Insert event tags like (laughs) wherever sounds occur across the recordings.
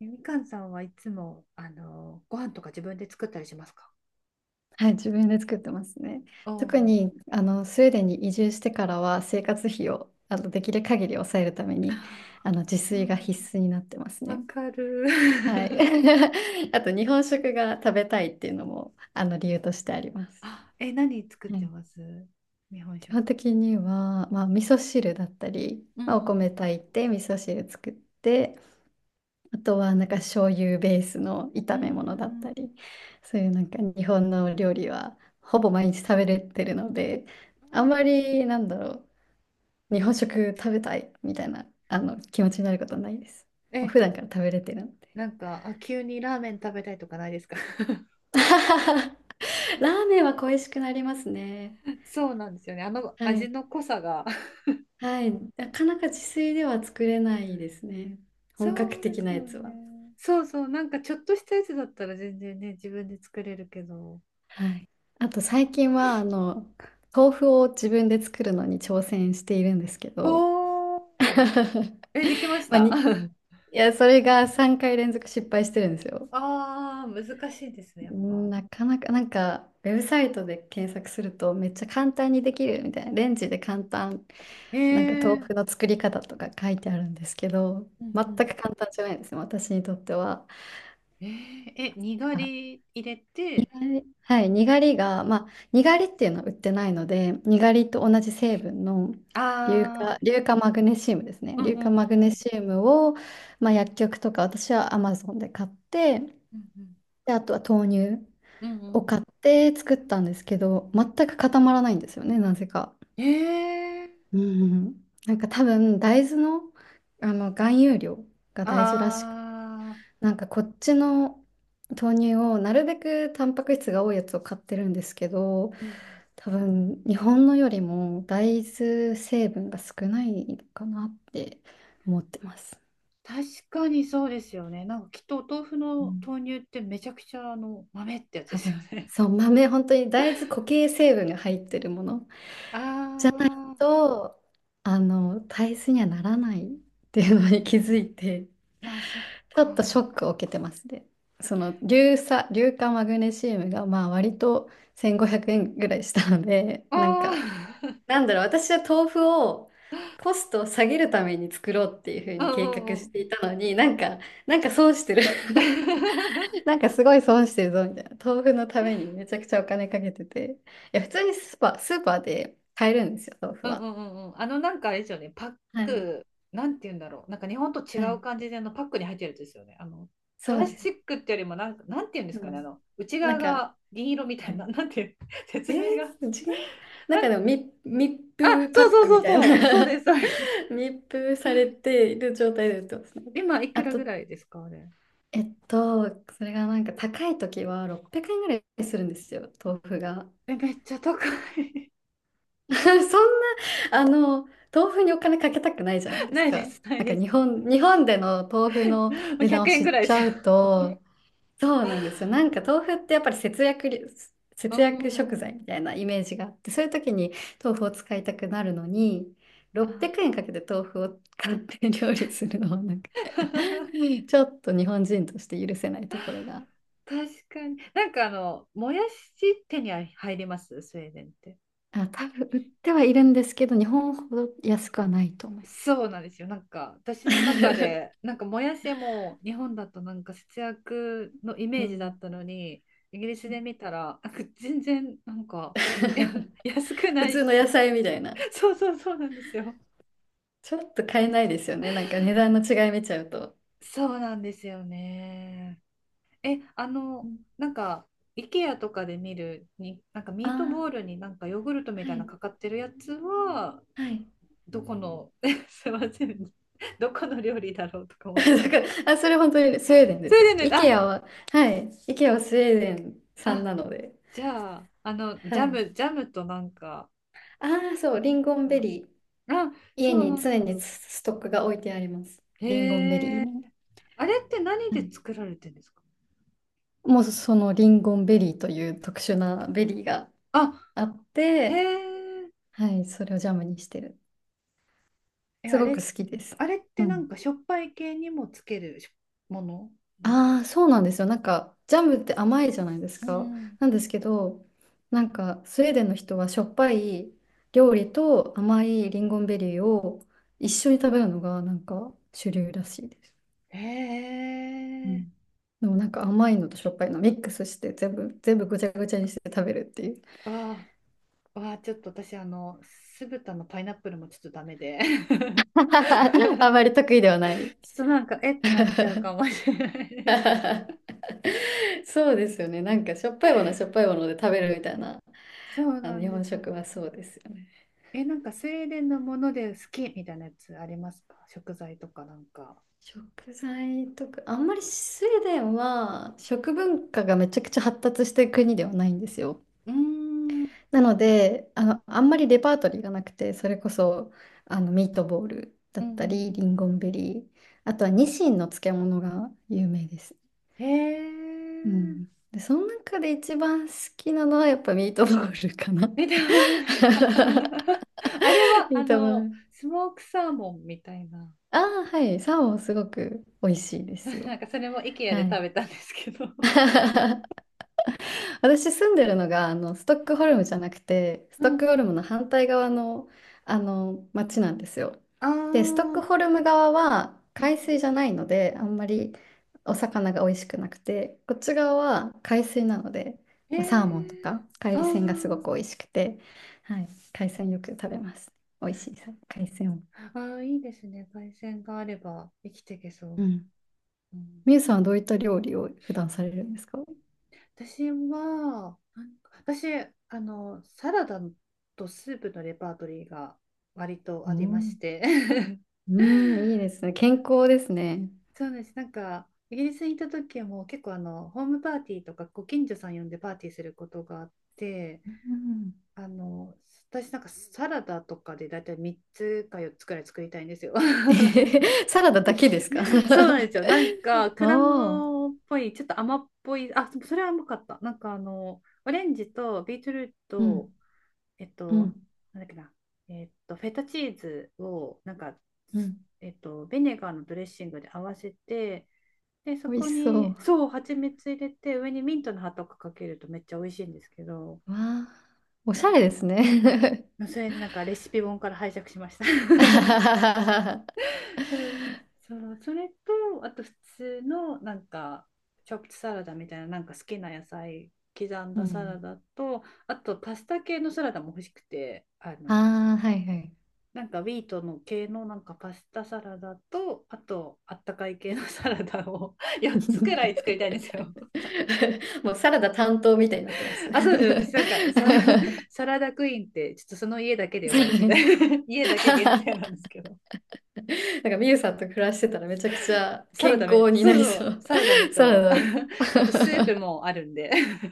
えみかんさんはいつも、ご飯とか自分で作ったりしますか？はい、自分で作ってますね。おお特ー。にスウェーデンに移住してからは生活費をできる限り抑えるために自う炊がん。必須になってますわね。かる。はい。(laughs) (laughs) あと日本食が食べたいっていうのも理由としてあります。あ、え、何作っはい、てます？日本基食。本的には、まあ、味噌汁だったり、うん。まあ、おう米ん炊いて味噌汁作って、あとはなんか醤油ベースのう炒め物だっん。うたり、そういうなんか日本の料理はほぼ毎日食べれてるので、ーあんん。まりなんだろう、日本食食べたいみたいな気持ちになることはないです。もうえ、普段から食べれてるので。なんか、あ、急にラーメン食べたいとかないですか？ (laughs) (laughs) ラーメンは恋しくなりますね。そうなんですよね。あのは味い。の濃さが。はい。なかなか自炊では作れないですね。本格そうで的すなよやつは。ね。そうそう、なんかちょっとしたやつだったら全然ね、自分で作れるけど。はい。あと最近は、あの、豆腐を自分で作るのに挑戦しているんですけど、おお。(laughs) え、できましまあ、た？ (laughs) や、それが3回連続失敗してるんですよ。ああ、難しいですね、やっぱ。なかなか、なんか、ウェブサイトで検索するとめっちゃ簡単にできるみたいな、レンジで簡単、えなんかー。豆腐の作り方とか書いてあるんですけど、うん全うくん。簡単じゃないんですよ、私にとっては。えー、え、にがり入れて、はい、にがりが、まあ、にがりっていうのは売ってないので、にがりと同じ成分のああ、硫化マグネシウムですね。うんう硫ん化うマグネんシウムを、まあ、薬局とか、私はアマゾンで買って、うんうんうん。で、あとは豆乳うを買んって作ったんですけど、全く固まらないんですよね、なぜか。うん。えー。うん。なんか多分、大豆の、含有量が大事らしく、ああ、なんかこっちの豆乳をなるべくタンパク質が多いやつを買ってるんですけど、うん。多分日本のよりも大豆成分が少ないかなって思ってます。確かにそうですよね。なんかきっとお豆腐うのん、豆乳ってめちゃくちゃあの豆ってやつで多すよ分ね。そう、豆本当に大豆固形成分が入ってるもの (laughs) あ。と大豆にはならないっていうのに気づいて、ああ、そっちょっとシか。ョックを受けてますね。その硫化マグネシウムがまあ割と1500円ぐらいしたので、あなんかあ。なんだろう、私は豆腐をコストを下げるために作ろうっていうふう (laughs) うにん計画うんうしていん。たのに、なんか、なんか損してる。 (laughs) (laughs) なんかすごい損してるぞみたいな。豆腐のためにめちゃくちゃお金かけてて。いや、普通にスーパーで買えるんですよ、豆腐うんうは。んうんうん。なんかあれですよね、パッはい、ク、なんて言うんだろう。なんか日本とは違うい。感じで、パックに入ってるやつですよね。プそうラスでチッす。クってよりも、なんか、なんて言うんでうすかね、ん。内な側んか、が銀色みたはいな、(laughs) い。なんていう、(laughs) え説明が。ー、違う。なんなかん、でも密あ、封パそうッそクみうそうたいそう、そうでな。 す、そうです。(laughs) 密封されている状態で売ってますね。今、いくあらぐと、らいですか、あれ？えっと、それがなんか高い時は600円ぐらいするんですよ、豆腐が。え、めっちゃ高い。(laughs) そんな、あの、豆腐にお金かけたくないじゃない (laughs) でなすいでか。す、ないなんかです。日本での豆腐ものう値段100を円知ぐっらいでちすよ。ゃうと、そうなんですよ。なんか豆腐ってやっぱりう節んう約食んうん。材みたいなイメージがあって、そういう時に豆腐を使いたくなるのに、600あ。 円かけて豆腐を買って料理するのはなんか、 (laughs) (laughs) ちょっと日本人として許せないところが、確かに。なんかもやし手に入りますスウェーデンって？あ、多分売ってはいるんですけど、日本ほど安くはないと思いまそうなんですよ。なんか私の中です。なんかもやしも日本だとなんか節約のイ (laughs) うメージだっん。たのに、イギリスで見たらなんか全然なんか、いや、 (laughs) (laughs) 安く普ない通の野し。 菜みたいな。(laughs) そうそうそうなんですよ。ちょっと買えないですよね。なんか値段の違い見ちゃうと。そうなんですよね。え、なんか IKEA とかで見るになんかミートあボあールになんかヨーグルトみー、たはいなのい、かかってるやつは、はい。どこの。 (laughs) すいません、どこの料理だろうとか (laughs) 思っだて。から、あ、それ本当にスウェーデンでそすよ。れでね。あ IKEA は、はい、IKEA はスウェーデン産あ。なので。じゃあ、はジャい。ム、ジャムとなんか、ああ、そう、なリんンゴンベか、リー。あ、そ家う、なにん常か、にスストックが置いてあります。へリンゴンベえ、リーね。あれって何はでい、作られてるんですか？もうそのリンゴンベリーという特殊なベリーがあ、あっへて、え、はい、それをジャムにしてる。え、すあごれ、く好きです。あれってうなん。んかしょっぱい系にもつけるしものなんですか？ああ、そうなんですよ。なんか、ジャムって甘いじゃないですうか。ん。なんですけど、なんか、スウェーデンの人はしょっぱい料理と甘いリンゴンベリーを一緒に食べるのが、なんか、主流らしいです。へうえ、ん。でもなんか甘いのとしょっぱいのミックスして全部ぐちゃぐちゃにして食べるっていう。わあ、わあ、ちょっと私、酢豚のパイナップルもちょっとダメで、(laughs) ちょ (laughs) あまっり得意ではない。となんか、えってなっちゃうかもしれないです。(laughs) そうですよね。なんかしょっぱいものはしょっぱいもので食べるみたいな、そうな日んで本すよ。食はそうですよね。え、なんかスウェーデンのもので好きみたいなやつありますか、食材とかなんか？食材とか、あんまりスウェーデンは食文化がめちゃくちゃ発達してる国ではないんですよ。うーん、うんなので、あの、あんまりレパートリーがなくて、それこそミートボールだうったり、リん。ンゴンベリー、あとはニシンの漬物が有名です。うんへうえ。ん。で、その中で一番好きなのはやっぱミートボールかな。え、でない。 (laughs) (laughs) あれは、ミートボール、スモークサーモンみたいな。ああ、はい。サーモンすごく美味しいで (laughs) すよ。なんかそれも IKEA はで食い。べたんですけど。(laughs) 私住んでるのがストックホルムじゃなくて、スうトッん。クホルムの反対側の、あの町なんですよ。ああでストッうん。クホルム側はあ、海水じゃないのであんまりお魚が美味しくなくて、こっち側は海水なので、へまあ、サーモンとえ。かあ海鮮がすごくー美味しくて、はい、海鮮よく食べます。美味しいさ海鮮を。あー、いいですね。海鮮があれば生きていけそう。うん。うん。みゆさんはどういった料理を普段されるんですか？私は、なんか私、サラダとスープのレパートリーが割とうありましん、て。(laughs) うん、いいですね。健康ですね。そうです。なんか、イギリスにいた時も結構ホームパーティーとかご近所さん呼んでパーティーすることがあって、うん、あの、私なんかサラダとかでだいたい3つか4つくらい作りたいんですよ。(laughs) え (laughs) へへ、サラダだけですか？ そうなんですよ。なんか、(laughs) 果おー、物っぽい、ちょっと甘っぽい、あ、そそれは甘かった。なんかオレンジとビートルーうト、ん、えっうと、ん、なんだっけな、フェタチーズを、なんか、うん。ビネガーのドレッシングで合わせて、で、そ美味こしそに、う。そう、蜂蜜入れて、上にミントの葉とかかけるとめっちゃ美味しいんですけど、わあ、おしそゃう、れですね。それでなんかレシピ本から拝借しました。(laughs) あ (laughs) ははははうん。そう、それと、あと普通のなんか、チョップサラダみたいな、なんか好きな野菜刻んうだサラん。ダと、あとパスタ系のサラダも欲しくて、ああ、はいはい。なんかウィートの系のなんかパスタサラダと、あとあったかい系の (laughs) サラダを4つくらい作りたいんで (laughs) すよ。もうサラダ担当みたいになってます。(laughs) (laughs) なあ、そうです。私なんかサラダクイーンってちょっとその家だけで呼ばれてて、 (laughs) 家だけ限定なんですけど。んかミユさんと暮らしてたらめちゃくちゃサラ健ダめ、康になそうりそそう、う。サラダめサと、 ラダ。(laughs)、そうあとスープもあるんで、 (laughs)、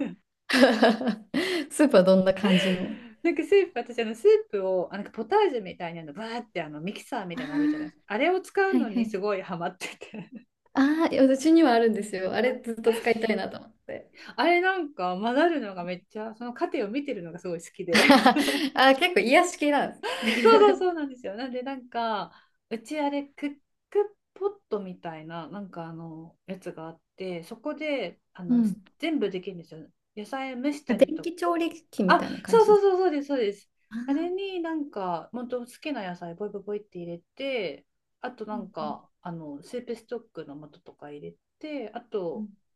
(laughs) スープはどんな感じの？なんかスープ、私あのスープを、あなんかポタージュみたいなの、バーってあのミキサーみあたいなのあるじゃないであ、すか。あれを使うはのいはにい。すごいハマってて。ああ、いやうちにはあるんですよ。あれずっと使いたいなと思って。あれなんか混ざるのがめっちゃ、その過程を見てるのがすごい好きで。(laughs) (laughs) そあー、結構癒し系なんでうそうそうす。なんですよ。なんでなんか、うちあれクックポットみたいな、なんかやつがあって、そこで、(laughs) うん。全部できるんですよ。野菜蒸したり電とか。気調理器みあ、たいな感そうじでそうす。そうそうです、そうです。ああれあ、になんか、本当好きな野菜、ボイボイボイって入れて、あとうなんんうんか、スープストックの素とか入れて、あと、う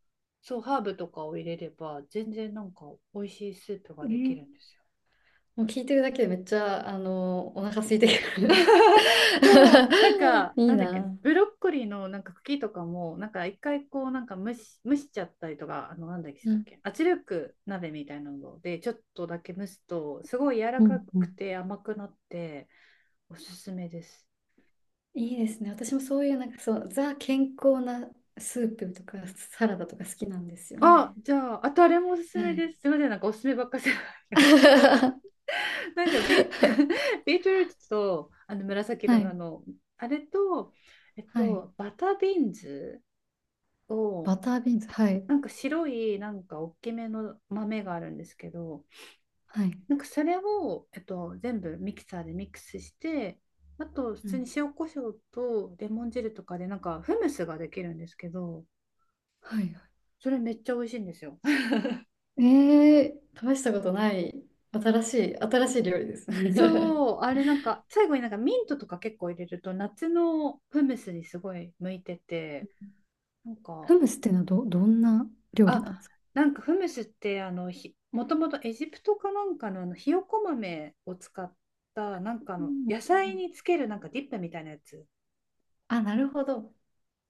そう、ハーブとかを入れれば、全然なんか美味しいスープがんできね、るんですよ。もう聞いてるだけでめっちゃ、あのお腹空いてくる。 そう、なんか、(laughs) いいなんだっけね、な。ブロッコリーのなんか茎とかも、なんか一回こう、なんか蒸しちゃったりとか、なんだっけ、しうたっんけ、圧力鍋みたいなので、ちょっとだけ蒸すと、すごい柔らうかんうくん、て甘くなって、おすすめです。いいですね。私もそういう、なんかそう、ザ健康なスープとかサラダとか好きなんですよあ、ね。じゃあ、あとあれもおすすはめでい。す。すみません、なんかおすすめばっかりじゃない (laughs) な。んか(laughs) ビートルーツとあの紫は色のあい。の、あれと、はい。バタービーンズを、バタービーンズ。はい。なんか白い、なんか大きめの豆があるんですけど、はい。なんかそれを、全部ミキサーでミックスして、あと、普う通ん。に塩コショウとレモン汁とかで、なんかフムスができるんですけど、はい。はそれめっちゃ美味しいんですよ。い、えー、試したことない、新しい料理です (laughs) ね。(laughs) そう、あれなんか、最後になんかミントとか結構入れると、夏のフムスにすごい向いてて、なんかフムスっていうのはどんな料理なんであ、すか？なんかフムスってあのひ、もともとエジプトかなんかの、あのひよこ豆を使ったなんかあうのん野う菜ん、につけるなんかディップみたいなやつ。あ、なるほど。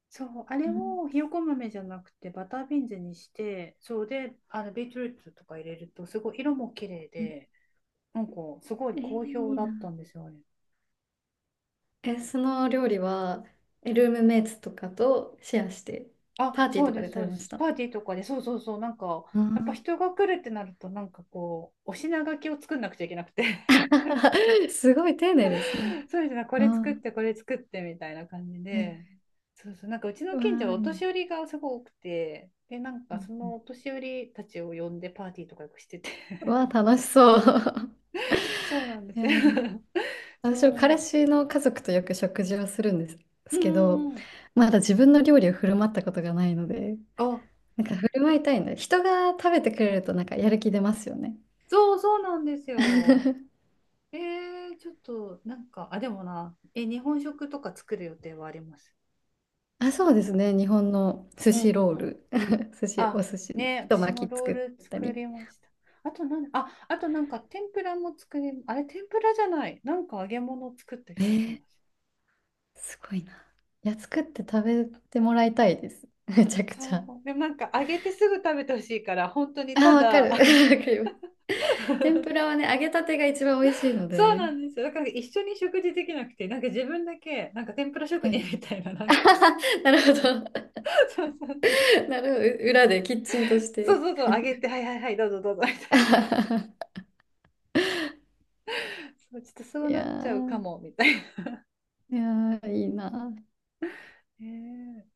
そう、あれうんをひよこ豆じゃなくてバタービーンズにして、そうで、あのビートルーツとか入れるとすごい色も綺麗うん、で、なんかすごいえー、好評いいだな。ったんですよね。え、その料理は、えルームメイツとかとシェアして、あ、パーティーそうとかでです、食そうべでましす。た。パーティーとかで、そうそうそう、なんかやっぱあ人が来るってなると、なんかこう、お品書きを作んなくちゃいけなくて。ー。 (laughs) すごい丁寧ですね。(laughs) そうですね、こあれ作って、ー、これ作ってみたいな感じはい。で、そうそう、なんかうちうのわ近所はおーいい、年寄りがすごく多くて、で、なんうかんそうのん、お年寄りたちを呼んでパーティーとかよくしてて、うわあ、楽しそう。(laughs) (laughs) そうなんでいすやよ。ー、(laughs) 私も彼そ氏の家族とよく食事をするんでう、すうけんど、うんうん、まだ自分の料理を振る舞ったことがないので、あ、なんか振る舞いたいんだ。人が食べてくれるとなんかやる気出ますよね。そうそうなんですよ。(laughs) ちょっとなんか、あ、でもな、え、日本食とか作る予定はあります。あ、そうですね。日本の寿うん司うローんうん。ル。(laughs) 寿司、あ、お寿司、ね、太私も巻きロー作ルった作り。りました。あとなん、あ、あとなんか天ぷらも作り、あれ天ぷらじゃない。なんか揚げ物を作ったえ気がしー、ます。すごいな。いや、作って食べてもらいたいです。(laughs) めちゃくちそゃ。う。でもなんか揚げてすぐ食べてほしいから、本当にあたあ、わかだ、る。(laughs) (laughs) わかります。天ぷらはね、揚げたてが一番美味しいのそうで。なんですよ。だから一緒に食事できなくて、なんか自分だけ、なんか天ぷら職はい。人みたいな、な (laughs) んあか、はは、なるほど。(laughs) (laughs) そうそうそう。なるほど。う裏でキッチンとしそうて。そうそう、揚げて、はいはいはい、どうぞどうぞみ (laughs) あたいな。はは、そう、ちょっとそういなやっちゃうかー、も、みたいな。(laughs) いやー、いいな。ね